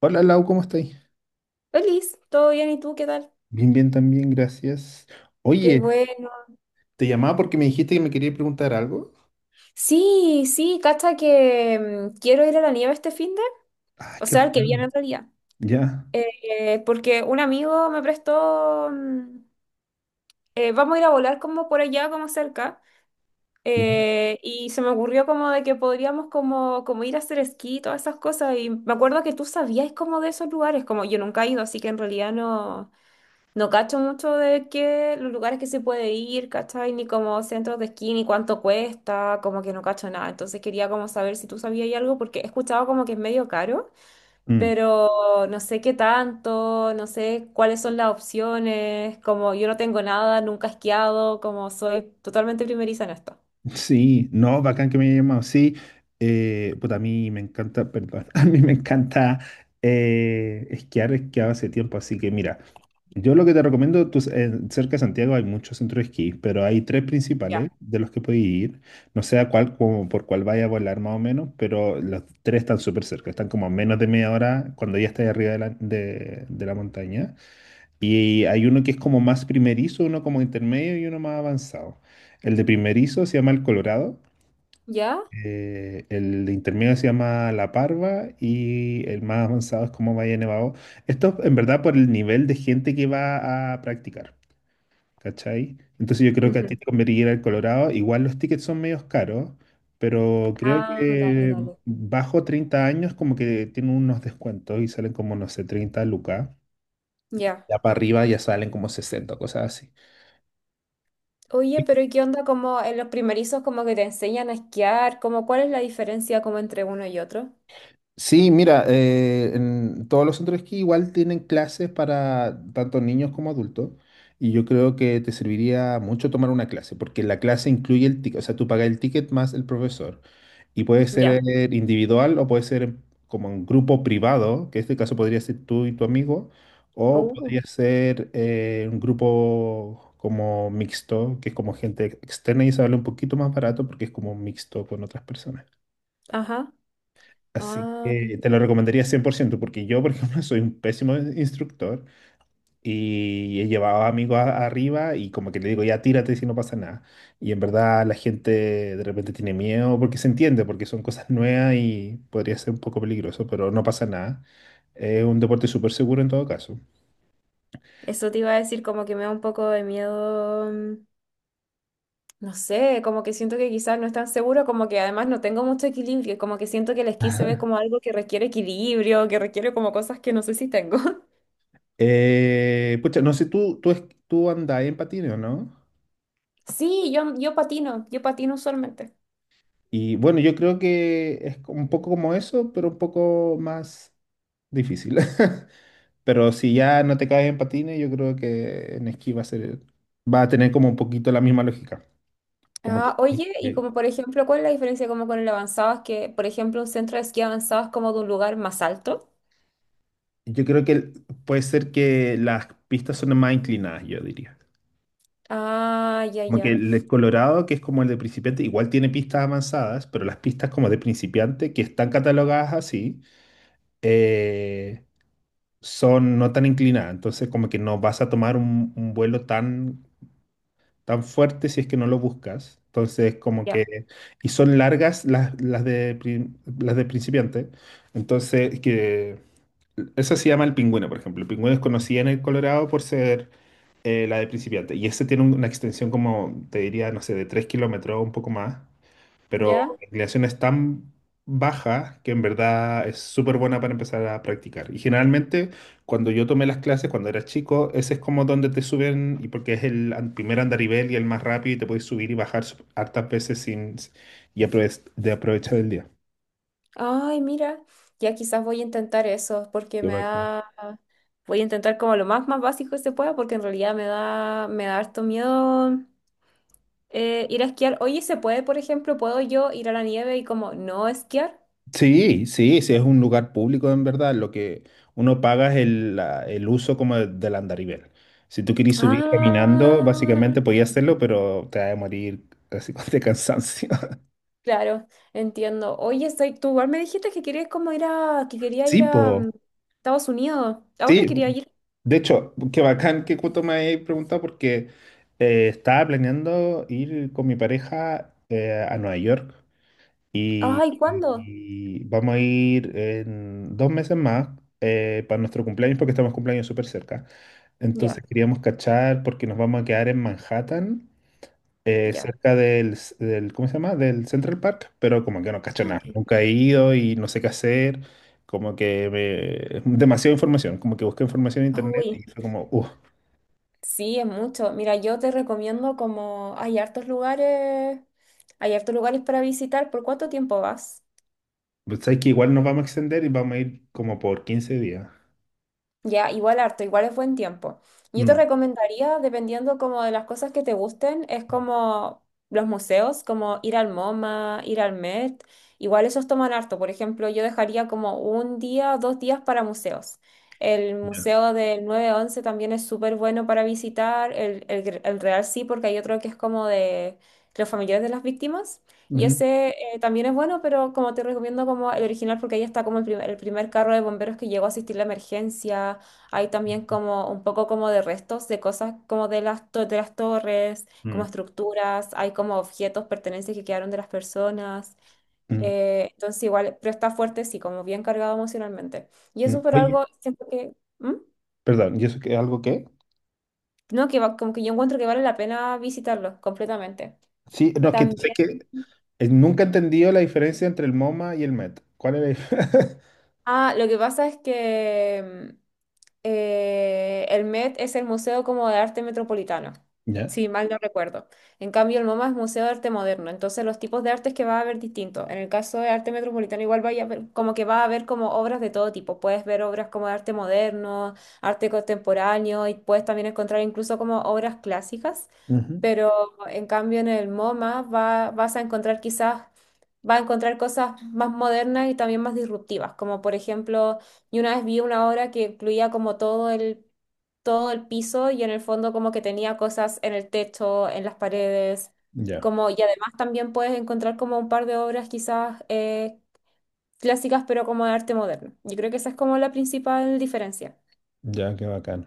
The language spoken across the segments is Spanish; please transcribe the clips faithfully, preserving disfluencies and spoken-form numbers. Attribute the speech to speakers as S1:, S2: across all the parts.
S1: Hola Lau, ¿cómo estáis?
S2: Feliz, ¿todo bien? ¿Y tú qué tal?
S1: Bien, bien, también, gracias.
S2: Qué
S1: Oye,
S2: bueno.
S1: te llamaba porque me dijiste que me querías preguntar algo.
S2: Sí, sí, cacha que mm, quiero ir a la nieve este fin de,
S1: Ah,
S2: o
S1: qué
S2: sea, el que viene
S1: bacán.
S2: en realidad.
S1: Ya,
S2: Eh, porque un amigo me prestó, mm, eh, vamos a ir a volar como por allá, como cerca,
S1: ya.
S2: eh, y se me ocurrió como de que podríamos como, como ir a hacer esquí, todas esas cosas, y me acuerdo que tú sabías como de esos lugares, como yo nunca he ido, así que en realidad no, no cacho mucho de qué, los lugares que se puede ir, ¿cachai? Ni como centros de esquí, ni cuánto cuesta, como que no cacho nada. Entonces quería como saber si tú sabías algo, porque he escuchado como que es medio caro,
S1: Mm.
S2: pero no sé qué tanto, no sé cuáles son las opciones, como yo no tengo nada, nunca he esquiado, como soy totalmente primeriza en esto.
S1: Sí, no, bacán que me haya llamado. Sí, eh, puta, a mí me encanta, perdón, a mí me encanta eh, esquiar, esquiaba hace tiempo, así que mira, yo lo que te recomiendo, tú, s- en- cerca de Santiago hay muchos centros de esquí, pero hay tres
S2: Ya.
S1: principales de los que puedes ir, no sé a cuál, como por cuál vaya a volar más o menos, pero los tres están súper cerca, están como a menos de media hora cuando ya estás arriba de la, de de la montaña. Y hay uno que es como más primerizo, uno como intermedio y uno más avanzado. El de primerizo se llama el Colorado,
S2: ¿Ya?
S1: eh, el de intermedio se llama la Parva y el más avanzado es como Valle Nevado. Esto en verdad por el nivel de gente que va a practicar, ¿cachai? Entonces yo creo que a ti
S2: Ujú.
S1: te convendría el Colorado. Igual los tickets son medios caros, pero creo
S2: Ah, dale,
S1: que
S2: dale.
S1: bajo treinta años como que tienen unos descuentos y salen como, no sé, treinta lucas.
S2: Ya.
S1: Ya para arriba ya salen como sesenta cosas así.
S2: Oye, pero ¿y qué onda como en los primerizos como que te enseñan a esquiar? Como, ¿cuál es la diferencia como entre uno y otro?
S1: Sí, mira, eh, en todos los centros de esquí igual tienen clases para tanto niños como adultos. Y yo creo que te serviría mucho tomar una clase, porque la clase incluye el ticket, o sea, tú pagas el ticket más el profesor. Y puede ser
S2: Ya.
S1: eh, individual o puede ser en- como un grupo privado, que en este caso podría ser tú y tu amigo, o
S2: Oh,
S1: podría ser eh, un grupo como mixto, que es como gente ex- externa y sale un poquito más barato porque es como mixto con otras personas.
S2: ajá.
S1: Así
S2: Ah,
S1: que te lo recomendaría cien por ciento porque yo, por ejemplo, soy un pésimo instructor y he llevado amigos a- arriba y como que le digo, ya tírate si no pasa nada. Y en verdad la gente de repente tiene miedo porque se entiende, porque son cosas nuevas y podría ser un poco peligroso, pero no pasa nada. Es un deporte súper seguro en todo caso.
S2: eso te iba a decir como que me da un poco de miedo, mm, no sé, como que siento que quizás no es tan seguro, como que además no tengo mucho equilibrio, como que siento que el esquí se ve como algo que requiere equilibrio, que requiere como cosas que no sé si tengo.
S1: Eh, pucha, no sé, tú, tú, es- tú andás en patines, ¿o no?
S2: Sí, yo, yo patino, yo patino usualmente.
S1: Y bueno, yo creo que es un poco como eso, pero un poco más difícil. Pero si ya no te caes en patines, yo creo que en esquí va a ser, va a tener como un poquito la misma lógica. Como que,
S2: Ah, oye, y
S1: eh,
S2: como por ejemplo, ¿cuál es la diferencia como con el avanzado? Es que, por ejemplo, un centro de esquí avanzado es como de un lugar más alto.
S1: yo creo que el- puede ser que las pistas son más inclinadas, yo diría.
S2: Ah, ya,
S1: Como que
S2: ya,
S1: el de Colorado, que es como el de principiante, igual tiene pistas avanzadas, pero las pistas como de principiante, que están catalogadas así, eh, son no tan inclinadas. Entonces como que no vas a tomar un, un vuelo tan tan fuerte si es que no lo buscas. Entonces, como
S2: ya,
S1: que, y son largas las, las de, prin- las de principiante. Entonces, que eso se llama el pingüino, por ejemplo. El pingüino es conocida en el Colorado por ser eh, la de principiante. Y ese tiene un- una extensión como, te diría, no sé, de tres kilómetros o un poco más, pero
S2: ya.
S1: la inclinación es tan baja que en verdad es súper buena para empezar a practicar. Y generalmente cuando yo tomé las clases cuando era chico, ese es como donde te suben, y porque es el an- primer andarivel y el más rápido y te puedes subir y bajar s- hartas veces sin, y aprove- de aprovechar el día.
S2: Ay, mira, ya quizás voy a intentar eso, porque
S1: Qué
S2: me
S1: bacán.
S2: da, voy a intentar como lo más más básico que se pueda, porque en realidad me da, me da harto miedo eh, ir a esquiar. Oye, ¿se puede, por ejemplo, puedo yo ir a la nieve y como no esquiar?
S1: Sí, sí, sí, es un lugar público en verdad. Lo que uno paga es el, la- el uso como de- del andarivel. Si tú querís subir caminando,
S2: Ah,
S1: básicamente podías hacerlo, pero te vas a morir así con de cansancio.
S2: claro, entiendo. Oye, soy, tú igual me dijiste que querías como ir a, que quería
S1: Sí,
S2: ir a mm,
S1: po.
S2: Estados Unidos. ¿A dónde
S1: Sí.
S2: quería ir?
S1: De hecho, qué bacán que justo me hayas preguntado porque eh, estaba planeando ir con mi pareja eh, a Nueva York, y,
S2: Ay, ¿cuándo?
S1: y vamos a ir en dos meses más eh, para nuestro cumpleaños porque estamos cumpleaños súper cerca.
S2: Ya,
S1: Entonces queríamos cachar porque nos vamos a quedar en Manhattan eh,
S2: ya.
S1: cerca del, del, ¿cómo se llama? Del Central Park, pero como que no cacho
S2: Ah,
S1: nada.
S2: ok.
S1: Nunca he ido y no sé qué hacer. Como que me- es demasiada información. Como que busqué información en internet y
S2: Uy.
S1: fue como, uff,
S2: Sí, es mucho. Mira, yo te recomiendo como hay hartos lugares, hay hartos lugares para visitar. ¿Por cuánto tiempo vas?
S1: sabes que igual nos vamos a extender y vamos a ir como por quince días.
S2: Ya, igual harto, igual es buen tiempo. Yo te
S1: Mm,
S2: recomendaría, dependiendo como de las cosas que te gusten, es como los museos, como ir al MoMA, ir al Met, igual esos toman harto. Por ejemplo, yo dejaría como un día, dos días para museos. El
S1: ya.
S2: museo del nueve once también es súper bueno para visitar, el, el, Gr- el Real sí, porque hay otro que es como de los familiares de las víctimas. Y
S1: Ujú,
S2: ese eh, también es bueno, pero como te recomiendo como el original porque ahí está como el primer, el primer carro de bomberos que llegó a asistir la emergencia. Hay también como un poco como de restos de cosas como de las, to- de las torres, como
S1: mm,
S2: estructuras, hay como objetos, pertenencias que quedaron de las personas.
S1: mm,
S2: Eh, entonces igual, pero está fuerte, sí, como bien cargado emocionalmente. Y eso
S1: mm.
S2: por
S1: Oye,
S2: algo, siento que, ¿Mm?
S1: perdón, ¿y eso qué, algo qué?
S2: No, que va- como que yo encuentro que vale la pena visitarlo completamente.
S1: Sí, no, es que sé
S2: También.
S1: que eh, nunca he entendido la diferencia entre el MoMA y el MET. ¿Cuál es la dif-
S2: Ah, lo que pasa es que... eh, el M E T es el Museo como de Arte Metropolitano,
S1: Ya.
S2: si mal no recuerdo. En cambio, el MoMA es Museo de Arte Moderno, entonces los tipos de artes que va a haber distintos. En el caso de Arte Metropolitano igual vaya a ver- como que va a haber como obras de todo tipo. Puedes ver obras como de arte moderno, arte contemporáneo y puedes también encontrar incluso como obras clásicas.
S1: Ujú.
S2: Pero en cambio en el MoMA va, vas a encontrar quizás, va a encontrar cosas más modernas y también más disruptivas, como por ejemplo y una vez vi una obra que incluía como todo el, todo el piso y en el fondo como que tenía cosas en el techo, en las paredes,
S1: Ya,
S2: como, y además también puedes encontrar como un par de obras quizás eh, clásicas, pero como de arte moderno. Yo creo que esa es como la principal diferencia.
S1: ya, qué bacán.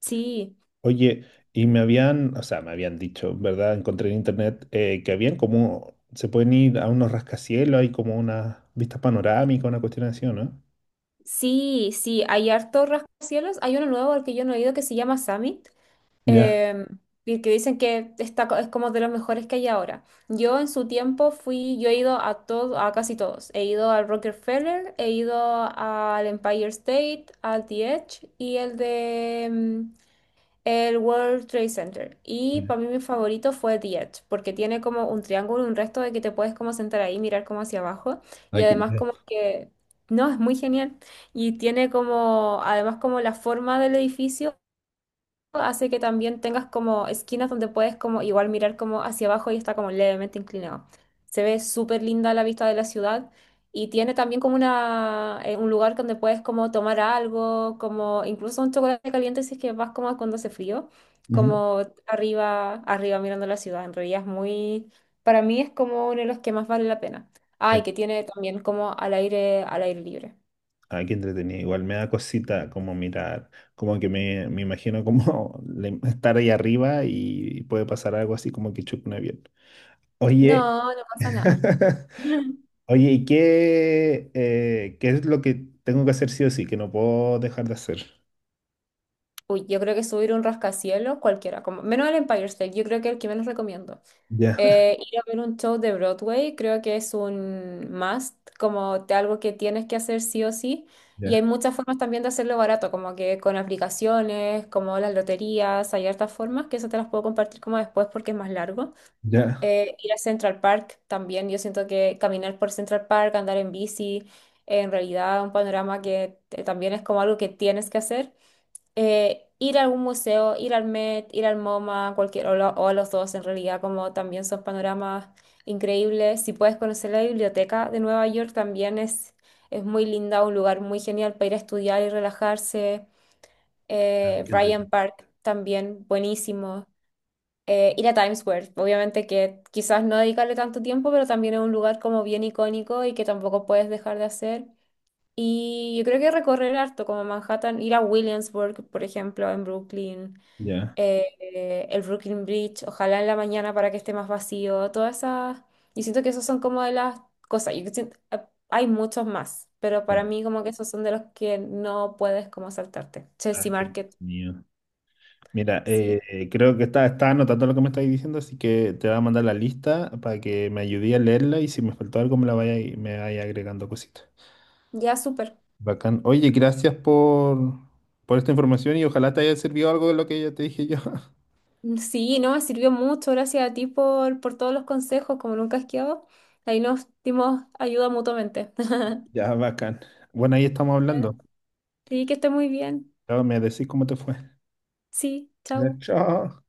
S2: Sí,
S1: Oye, y me habían, o sea, me habían dicho, ¿verdad? Encontré en internet eh, que habían como, se pueden ir a unos rascacielos, hay como una vista panorámica, una cuestión así, ¿o no?
S2: sí, sí, hay harto rascacielos. Hay uno nuevo al que yo no he ido que se llama Summit
S1: Ya.
S2: eh, y que dicen que está, co- es como de los mejores que hay ahora. Yo en su tiempo fui, yo he ido a todo, a casi todos. He ido al Rockefeller, he ido al Empire State, al The Edge y el de mm, el World Trade Center. Y para mí mi favorito fue The Edge, porque tiene como un triángulo, un resto de que te puedes como sentar ahí, mirar como hacia abajo. Y
S1: Hay que,
S2: además
S1: ya.
S2: como que, no, es muy genial. Y tiene como, además como la forma del edificio hace que también tengas como esquinas donde puedes como igual mirar como hacia abajo y está como levemente inclinado. Se ve súper linda la vista de la ciudad y tiene también como una, eh, un lugar donde puedes como tomar algo, como incluso un chocolate caliente si es que vas como cuando hace frío,
S1: Ujú.
S2: como arriba, arriba mirando la ciudad. En realidad es muy, para mí es como uno de los que más vale la pena. Ay,
S1: Que-
S2: que tiene también como al aire, al aire libre.
S1: ay, qué entretenido. Igual me da cosita como mirar, como que me, me imagino como le- estar ahí arriba y puede pasar algo así como que choque un avión. Oye,
S2: No, no pasa nada.
S1: oye, ¿y qué, eh, qué es lo que tengo que hacer sí o sí, que no puedo dejar de hacer?
S2: Uy, yo creo que subir un rascacielos, cualquiera, como, menos el Empire State, yo creo que el que menos recomiendo.
S1: Ya.
S2: Eh, ir a ver un show de Broadway, creo que es un must, como te- algo que tienes que hacer sí o sí. Y hay
S1: Ya,
S2: muchas formas también de hacerlo barato, como que con aplicaciones, como las loterías, hay hartas formas, que eso te las puedo compartir como después porque es más largo.
S1: ya.
S2: Eh, ir a Central Park también, yo siento que caminar por Central Park, andar en bici, en realidad un panorama que eh, también es como algo que tienes que hacer eh, ir a algún museo, ir al Met, ir al MoMA, cualquier, o, lo- o a los dos en realidad, como también son panoramas increíbles. Si puedes conocer la biblioteca de Nueva York, también es, es muy linda, un lugar muy genial para ir a estudiar y relajarse.
S1: Ah,
S2: Eh,
S1: qué
S2: Bryant
S1: entretenido.
S2: Park también, buenísimo. Eh, ir a Times Square, obviamente que quizás no dedicarle tanto tiempo, pero también es un lugar como bien icónico y que tampoco puedes dejar de hacer. Y yo creo que recorrer harto, como Manhattan, ir a Williamsburg, por ejemplo, en Brooklyn,
S1: Ya,
S2: eh, eh, el Brooklyn Bridge, ojalá en la mañana para que esté más vacío, todas esas. Yo siento que esos son como de las cosas. Yo siento- eh, hay muchos más, pero
S1: ya.
S2: para mí como que esos son de los que no puedes como saltarte.
S1: Ah,
S2: Chelsea
S1: qué
S2: Market,
S1: entretenido. Mira, eh,
S2: sí.
S1: eh, creo que está, está anotando lo que me estáis diciendo, así que te voy a mandar la lista para que me ayude a leerla y si me faltó algo me la vaya, me vaya agregando cositas.
S2: Ya, súper.
S1: Bacán. Oye, gracias por, por esta información y ojalá te haya servido algo de lo que ya te dije yo.
S2: Mm, Sí, no, me sirvió mucho. Gracias a ti por, por todos los consejos, como nunca has quedado. Ahí nos dimos ayuda mutuamente.
S1: Ya, bacán. Bueno, ahí estamos hablando.
S2: Sí, que esté muy bien.
S1: Chao, me decís cómo te fue.
S2: Sí,
S1: Ya,
S2: chao.
S1: chao.